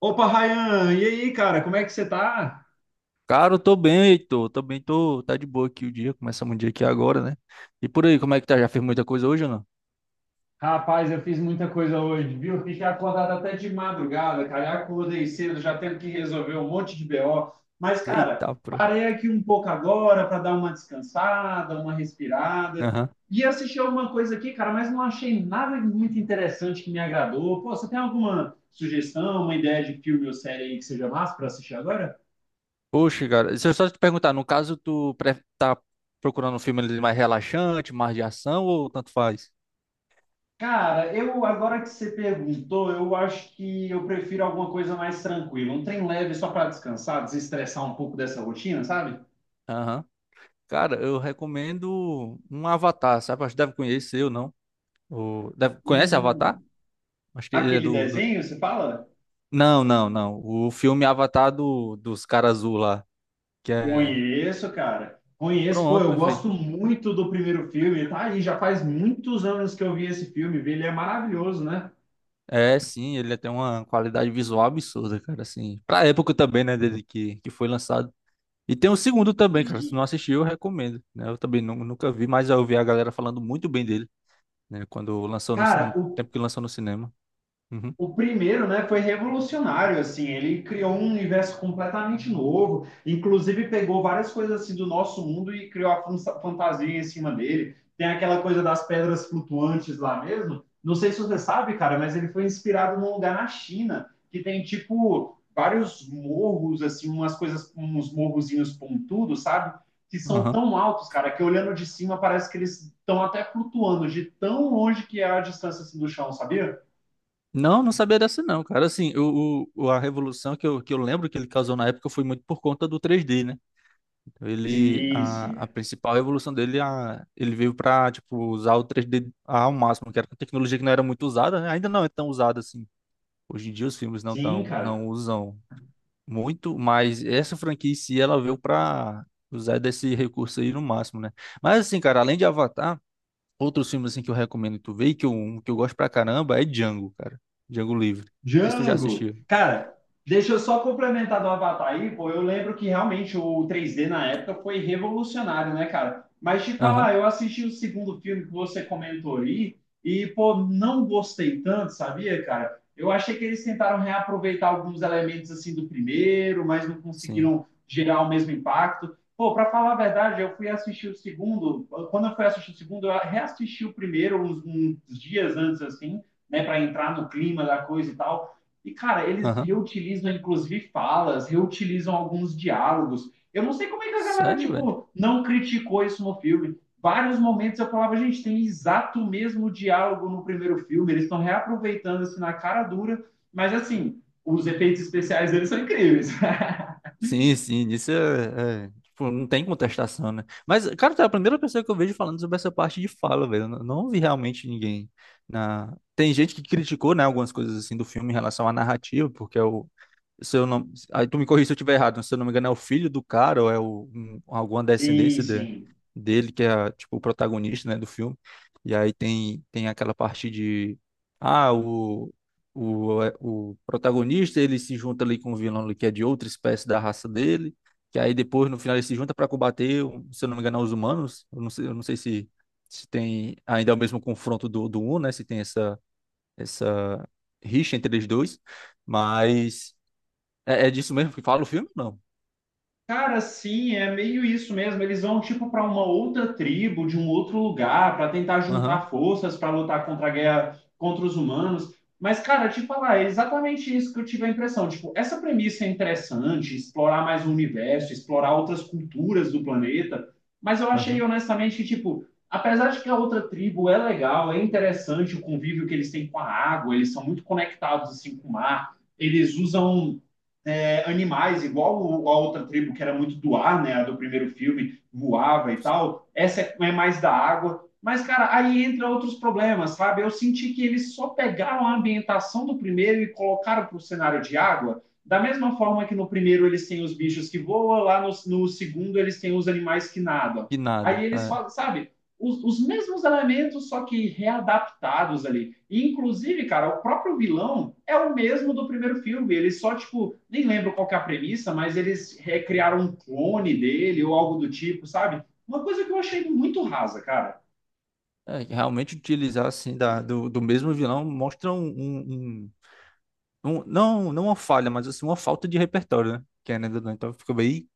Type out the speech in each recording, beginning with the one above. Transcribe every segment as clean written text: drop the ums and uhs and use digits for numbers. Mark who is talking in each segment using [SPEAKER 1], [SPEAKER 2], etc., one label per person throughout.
[SPEAKER 1] Opa, Rayan, e aí, cara, como é que você tá?
[SPEAKER 2] Cara, eu tô bem, Heitor. Tô bem, tô. Tá de boa aqui o dia. Começamos o dia aqui agora, né? E por aí, como é que tá? Já fez muita coisa hoje ou não?
[SPEAKER 1] Rapaz, eu fiz muita coisa hoje, viu? Fiquei acordado até de madrugada, cara. Eu acordei cedo, já tendo que resolver um monte de BO. Mas, cara,
[SPEAKER 2] Eita, pô.
[SPEAKER 1] parei aqui um pouco agora para dar uma descansada, uma respirada.
[SPEAKER 2] Aham.
[SPEAKER 1] E assistir alguma coisa aqui, cara, mas não achei nada muito interessante que me agradou. Pô, você tem alguma sugestão, uma ideia de filme ou série aí que seja massa para assistir agora?
[SPEAKER 2] Poxa, cara, se eu só te perguntar, no caso, tá procurando um filme mais relaxante, mais de ação ou tanto faz?
[SPEAKER 1] Cara, eu agora que você perguntou, eu acho que eu prefiro alguma coisa mais tranquila, um trem leve só para descansar, desestressar um pouco dessa rotina, sabe?
[SPEAKER 2] Aham. Cara, eu recomendo um Avatar, sabe? Acho que deve conhecer ou não. Conhece Avatar?
[SPEAKER 1] Hum,
[SPEAKER 2] Acho que ele é
[SPEAKER 1] aquele
[SPEAKER 2] do.
[SPEAKER 1] desenho, você fala?
[SPEAKER 2] Não, não, não. O filme Avatar dos caras azul lá. Que é.
[SPEAKER 1] Conheço, cara. Conheço, pô,
[SPEAKER 2] Pronto,
[SPEAKER 1] eu
[SPEAKER 2] perfeito.
[SPEAKER 1] gosto muito do primeiro filme, tá aí, já faz muitos anos que eu vi esse filme, vi, ele é maravilhoso, né?
[SPEAKER 2] É, sim, ele tem uma qualidade visual absurda, cara, assim. Pra época também, né, dele que foi lançado. E tem o segundo também, cara, se
[SPEAKER 1] Sim.
[SPEAKER 2] não assistiu, eu recomendo, né? Eu também nunca vi, mas eu vi a galera falando muito bem dele, né, quando lançou
[SPEAKER 1] Cara,
[SPEAKER 2] no
[SPEAKER 1] o
[SPEAKER 2] tempo que lançou no cinema. Uhum.
[SPEAKER 1] O primeiro, né, foi revolucionário, assim, ele criou um universo completamente novo, inclusive pegou várias coisas assim do nosso mundo e criou a fantasia em cima dele. Tem aquela coisa das pedras flutuantes lá mesmo. Não sei se você sabe, cara, mas ele foi inspirado num lugar na China que tem tipo vários morros assim, umas coisas, uns morrozinhos pontudos, sabe? Que são
[SPEAKER 2] Aham.
[SPEAKER 1] tão altos, cara, que olhando de cima parece que eles estão até flutuando de tão longe que é a distância assim, do chão, sabia?
[SPEAKER 2] Não, não sabia dessa não, cara. Assim, a revolução que eu lembro que ele causou na época foi muito por conta do 3D, né?
[SPEAKER 1] Sim,
[SPEAKER 2] A
[SPEAKER 1] sim.
[SPEAKER 2] principal evolução ele veio para tipo, usar o 3D ao máximo, que era uma tecnologia que não era muito usada, né? Ainda não é tão usada assim. Hoje em dia os filmes
[SPEAKER 1] Sim, cara.
[SPEAKER 2] não usam muito, mas essa franquia em si, ela veio para usar desse recurso aí no máximo, né? Mas assim, cara, além de Avatar, outros filmes assim que eu recomendo tu ver, e um que eu gosto pra caramba, é Django, cara. Django Livre. Não sei se tu já
[SPEAKER 1] Django.
[SPEAKER 2] assistiu.
[SPEAKER 1] Cara, deixa eu só complementar do Avatar aí, pô. Eu lembro que realmente o 3D na época foi revolucionário, né, cara? Mas te
[SPEAKER 2] Aham,
[SPEAKER 1] falar, eu assisti o segundo filme que você comentou aí e, pô, não gostei tanto, sabia, cara? Eu achei que eles tentaram reaproveitar alguns elementos assim do primeiro, mas não
[SPEAKER 2] sim.
[SPEAKER 1] conseguiram gerar o mesmo impacto. Pô, para falar a verdade, eu fui assistir o segundo. Quando eu fui assistir o segundo, eu reassisti o primeiro uns dias antes, assim né, para entrar no clima da coisa e tal. E, cara, eles
[SPEAKER 2] Aham.
[SPEAKER 1] reutilizam, inclusive, falas, reutilizam alguns diálogos. Eu não sei como é que a galera,
[SPEAKER 2] Sério, velho?
[SPEAKER 1] tipo, não criticou isso no filme. Vários momentos eu falava, gente, tem exato o mesmo diálogo no primeiro filme, eles estão reaproveitando, assim, na cara dura, mas, assim, os efeitos especiais deles são incríveis.
[SPEAKER 2] Sim, sim, isso tipo, não tem contestação, né? Mas, cara, tu é a primeira pessoa que eu vejo falando sobre essa parte de fala, velho. Eu não vi realmente ninguém na... Tem gente que criticou, né, algumas coisas assim do filme em relação à narrativa, porque é o, se eu não, aí tu me corrija se eu estiver errado, mas se eu não me engano, é o filho do cara ou é o, alguma
[SPEAKER 1] Sim,
[SPEAKER 2] descendência.
[SPEAKER 1] sim.
[SPEAKER 2] Dele que é tipo o protagonista, né, do filme. E aí tem aquela parte de ah, o protagonista, ele se junta ali com o vilão ali, que é de outra espécie da raça dele, que aí depois no final ele se junta para combater, um, se eu não me engano, é os humanos. Eu não sei se tem ainda é o mesmo confronto do um né, se tem essa rixa entre eles dois, mas é, é disso mesmo que fala o filme? Não.
[SPEAKER 1] Cara, sim, é meio isso mesmo. Eles vão tipo para uma outra tribo, de um outro lugar, para tentar
[SPEAKER 2] Aham,
[SPEAKER 1] juntar forças para lutar contra a guerra contra os humanos. Mas, cara, te falar, é exatamente isso que eu tive a impressão. Tipo, essa premissa é interessante, explorar mais o universo, explorar outras culturas do planeta. Mas eu achei
[SPEAKER 2] aham.
[SPEAKER 1] honestamente que, tipo, apesar de que a outra tribo é legal, é interessante o convívio que eles têm com a água, eles são muito conectados assim com o mar, eles usam animais, igual a outra tribo que era muito do ar, né? A do primeiro filme voava e tal. Essa é, é mais da água. Mas, cara, aí entra outros problemas, sabe? Eu senti que eles só pegaram a ambientação do primeiro e colocaram para o cenário de água. Da mesma forma que no primeiro eles têm os bichos que voam, lá no segundo eles têm os animais que nadam.
[SPEAKER 2] Que nada.
[SPEAKER 1] Aí eles falam, sabe? Os mesmos elementos, só que readaptados ali. E, inclusive, cara, o próprio vilão é o mesmo do primeiro filme. Eles só, tipo, nem lembro qual que é a premissa, mas eles recriaram um clone dele ou algo do tipo, sabe? Uma coisa que eu achei muito rasa, cara.
[SPEAKER 2] Que realmente utilizar assim do mesmo vilão mostra não, não uma falha, mas assim uma falta de repertório, né? Querendo ou não, então fica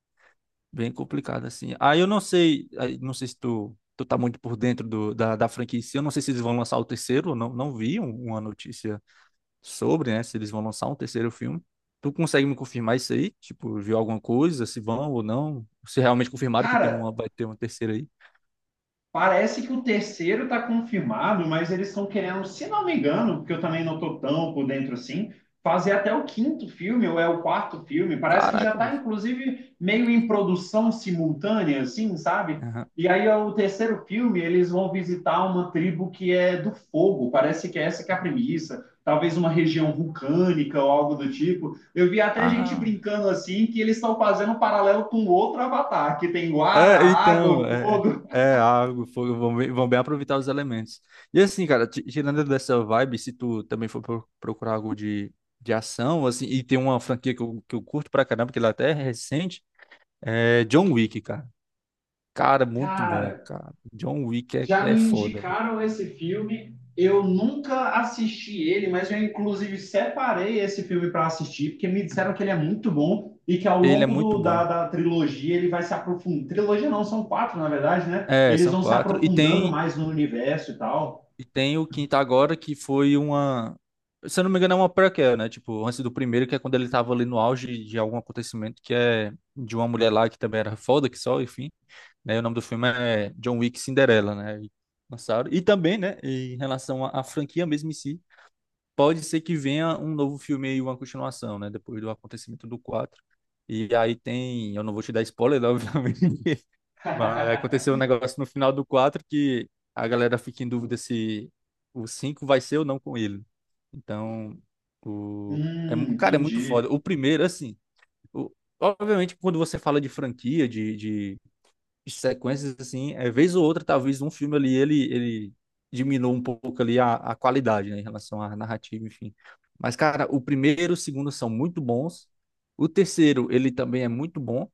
[SPEAKER 2] bem complicado assim. Aí eu não sei, aí não sei se tu, tu tá muito por dentro da franquia em si, eu não sei se eles vão lançar o terceiro, eu não vi uma notícia sobre, né? Se eles vão lançar um terceiro filme. Tu consegue me confirmar isso aí? Tipo, viu alguma coisa, se vão ou não? Se realmente confirmaram que tem
[SPEAKER 1] Cara,
[SPEAKER 2] uma, vai ter uma terceira aí?
[SPEAKER 1] parece que o terceiro está confirmado, mas eles estão querendo, se não me engano, porque eu também não estou tão por dentro assim, fazer até o quinto filme, ou é o quarto filme. Parece que já
[SPEAKER 2] Caraca,
[SPEAKER 1] está,
[SPEAKER 2] velho.
[SPEAKER 1] inclusive, meio em produção simultânea, assim, sabe?
[SPEAKER 2] Aham.
[SPEAKER 1] E aí, é o terceiro filme, eles vão visitar uma tribo que é do fogo. Parece que é essa que é a premissa. Talvez uma região vulcânica ou algo do tipo. Eu vi até gente
[SPEAKER 2] Ah,
[SPEAKER 1] brincando assim que eles estão fazendo um paralelo com outro Avatar, que tem Guara,
[SPEAKER 2] é,
[SPEAKER 1] água,
[SPEAKER 2] então,
[SPEAKER 1] o
[SPEAKER 2] é,
[SPEAKER 1] fogo.
[SPEAKER 2] é algo, vão bem aproveitar os elementos. E assim, cara, tirando dessa vibe, se tu também for procurar algo de ação, assim, e tem uma franquia que eu curto pra caramba, que ela até é recente, é John Wick, cara. Cara, muito bom,
[SPEAKER 1] Cara,
[SPEAKER 2] cara. John Wick
[SPEAKER 1] já me
[SPEAKER 2] é foda.
[SPEAKER 1] indicaram esse filme. Eu nunca assisti ele, mas eu inclusive separei esse filme para assistir, porque me disseram que ele é muito bom e que ao
[SPEAKER 2] Ele é
[SPEAKER 1] longo
[SPEAKER 2] muito
[SPEAKER 1] da,
[SPEAKER 2] bom.
[SPEAKER 1] da trilogia ele vai se aprofundando. Trilogia não, são quatro, na verdade, né?
[SPEAKER 2] É,
[SPEAKER 1] Eles
[SPEAKER 2] são
[SPEAKER 1] vão se
[SPEAKER 2] quatro.
[SPEAKER 1] aprofundando mais no universo e tal.
[SPEAKER 2] E tem o quinto agora, que foi uma. Se eu não me engano, é uma prequel, né? Tipo, antes do primeiro, que é quando ele tava ali no auge de algum acontecimento, que é de uma mulher lá que também era foda, que só, enfim. Né? E o nome do filme é John Wick Cinderela, né? E lançaram. E também, né? Em relação à franquia mesmo em si, pode ser que venha um novo filme aí, uma continuação, né? Depois do acontecimento do quatro. E aí tem. Eu não vou te dar spoiler, né, obviamente. Mas aconteceu um negócio no final do 4 que a galera fica em dúvida se o 5 vai ser ou não com ele. Então, o... é, cara, é muito foda.
[SPEAKER 1] Entendi.
[SPEAKER 2] O primeiro, assim, o- obviamente, quando você fala de franquia, de sequências, assim, é vez ou outra, talvez um filme ali, ele diminua um pouco ali a qualidade, né, em relação à narrativa, enfim. Mas, cara, o primeiro e o segundo são muito bons. O terceiro, ele também é muito bom.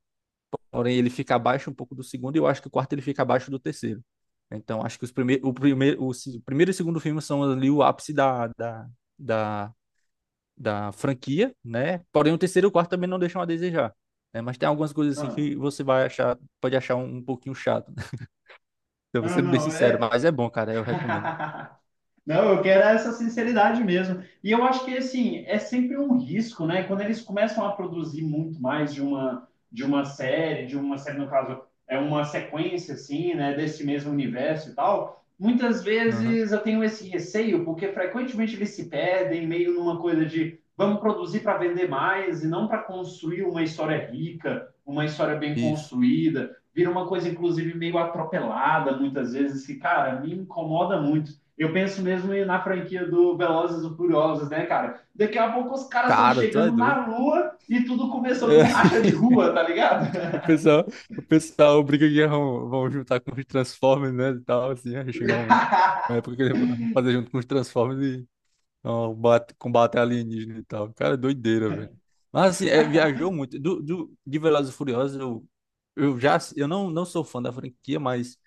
[SPEAKER 2] Porém, ele fica abaixo um pouco do segundo e eu acho que o quarto ele fica abaixo do terceiro. Então, acho que os primeir, o, primeiro, o, se- o primeiro e o segundo filme são ali o ápice da, da franquia, né? Porém, o terceiro e o quarto também não deixam a desejar, né? Mas tem algumas coisas assim
[SPEAKER 1] Ah,
[SPEAKER 2] que você vai achar, pode achar um, um pouquinho chato, né? Eu vou
[SPEAKER 1] ah,
[SPEAKER 2] sendo bem
[SPEAKER 1] não,
[SPEAKER 2] sincero,
[SPEAKER 1] é.
[SPEAKER 2] mas é bom, cara, eu recomendo.
[SPEAKER 1] Não, eu quero essa sinceridade mesmo. E eu acho que assim, é sempre um risco, né? Quando eles começam a produzir muito mais de uma série no caso, é uma sequência assim, né, desse mesmo universo e tal, muitas
[SPEAKER 2] Aham.
[SPEAKER 1] vezes eu tenho esse receio, porque frequentemente eles se perdem meio numa coisa de vamos produzir para vender mais e não para construir uma história rica, uma história bem
[SPEAKER 2] Isso.
[SPEAKER 1] construída. Vira uma coisa, inclusive, meio atropelada, muitas vezes, que, cara, me incomoda muito. Eu penso mesmo na franquia do Velozes e Furiosos, né, cara? Daqui a pouco os caras estão
[SPEAKER 2] Cara, tu
[SPEAKER 1] chegando
[SPEAKER 2] é doido.
[SPEAKER 1] na lua e tudo começou com racha de rua, tá ligado?
[SPEAKER 2] O pessoal, o pessoal briga que vão juntar com os Transformers, né? E tal, assim, aí chegar um, uma época que eles vão fazer junto com os Transformers e ó, combate alienígena e tal. Cara, doideira, velho. Mas assim, é, viajou muito. De Velozes e Furiosos, eu já eu não, não sou fã da franquia, mas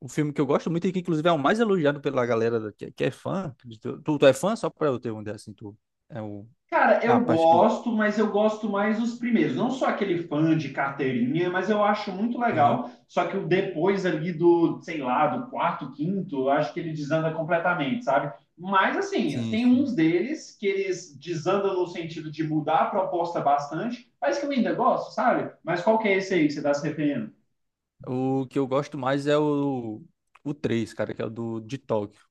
[SPEAKER 2] o filme que eu gosto muito e que, inclusive, é o mais elogiado pela galera que é fã. Tu é fã? Só pra eu ter uma ideia assim, tu. É, o,
[SPEAKER 1] Cara,
[SPEAKER 2] é a
[SPEAKER 1] eu
[SPEAKER 2] parte que.
[SPEAKER 1] gosto, mas eu gosto mais os primeiros. Não sou aquele fã de carteirinha, mas eu acho muito
[SPEAKER 2] Aham.
[SPEAKER 1] legal. Só que o depois ali do, sei lá, do quarto, quinto, eu acho que ele desanda completamente, sabe? Mas, assim,
[SPEAKER 2] Sim,
[SPEAKER 1] tem
[SPEAKER 2] sim.
[SPEAKER 1] uns deles que eles desandam no sentido de mudar a proposta bastante, mas que eu ainda gosto, sabe? Mas qual que é esse aí que você está se referindo?
[SPEAKER 2] O que eu gosto mais é o 3 cara, que é o do de Tóquio.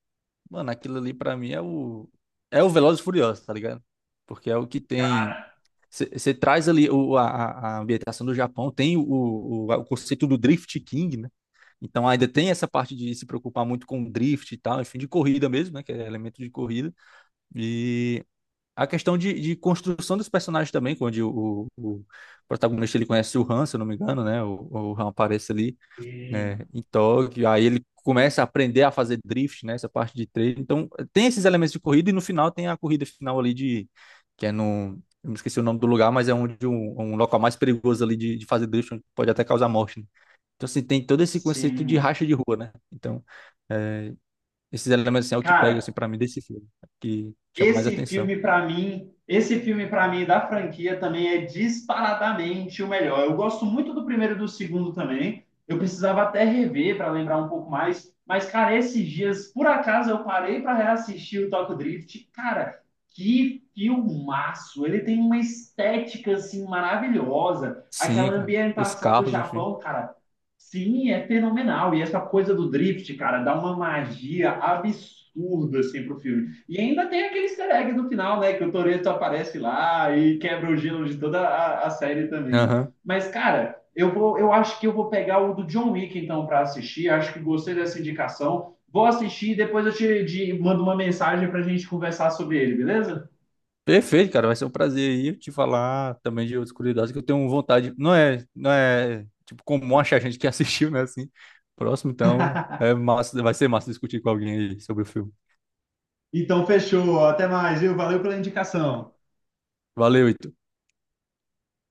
[SPEAKER 2] Mano, aquilo ali pra mim é o é o Velozes e Furiosos, tá ligado? Porque é o que tem
[SPEAKER 1] Cara,
[SPEAKER 2] você traz ali o, a ambientação do Japão, tem o conceito do Drift King, né? Então ainda tem essa parte de se preocupar muito com o drift e tal, enfim, de corrida mesmo, né? Que é elemento de corrida. E a questão de construção dos personagens também, onde o protagonista ele conhece o Han, se eu não me engano, né? O Han aparece ali né,
[SPEAKER 1] sim,
[SPEAKER 2] em Tóquio, aí ele começa a aprender a fazer drift, né, essa parte de treino. Então, tem esses elementos de corrida e no final tem a corrida final ali de que é no eu me esqueci o nome do lugar, mas é onde um local mais perigoso ali de fazer drift, onde pode até causar morte, né? Então, assim, tem todo esse conceito de
[SPEAKER 1] sim.
[SPEAKER 2] racha de rua, né? Então, esses elementos, assim, é o que pega, assim,
[SPEAKER 1] Cara,
[SPEAKER 2] pra mim, desse filme, que chama mais
[SPEAKER 1] esse
[SPEAKER 2] atenção.
[SPEAKER 1] filme para mim, esse filme para mim da franquia também é disparadamente o melhor. Eu gosto muito do primeiro e do segundo também. Eu precisava até rever para lembrar um pouco mais, mas cara, esses dias por acaso eu parei para reassistir o Tokyo Drift. Cara, que filmaço! Ele tem uma estética assim maravilhosa, aquela
[SPEAKER 2] Sim, cara. Os
[SPEAKER 1] ambientação do
[SPEAKER 2] carros, enfim.
[SPEAKER 1] Japão, cara. Sim, é fenomenal. E essa coisa do drift, cara, dá uma magia absurda assim pro filme. E ainda tem aquele easter egg no final, né? Que o Toreto aparece lá e quebra o gelo de toda a série também. Mas, cara, eu acho que eu vou pegar o do John Wick então para assistir. Acho que gostei dessa indicação. Vou assistir e depois eu te mando uma mensagem para a gente conversar sobre ele, beleza?
[SPEAKER 2] Perfeito, cara. Vai ser um prazer aí te falar também de outras curiosidades que eu tenho vontade. Não é tipo comum achar gente que assistiu, né? Assim, próximo, então é massa, vai ser massa discutir com alguém aí sobre o filme.
[SPEAKER 1] Então fechou, até mais, viu? Valeu pela indicação.
[SPEAKER 2] Valeu, Ito.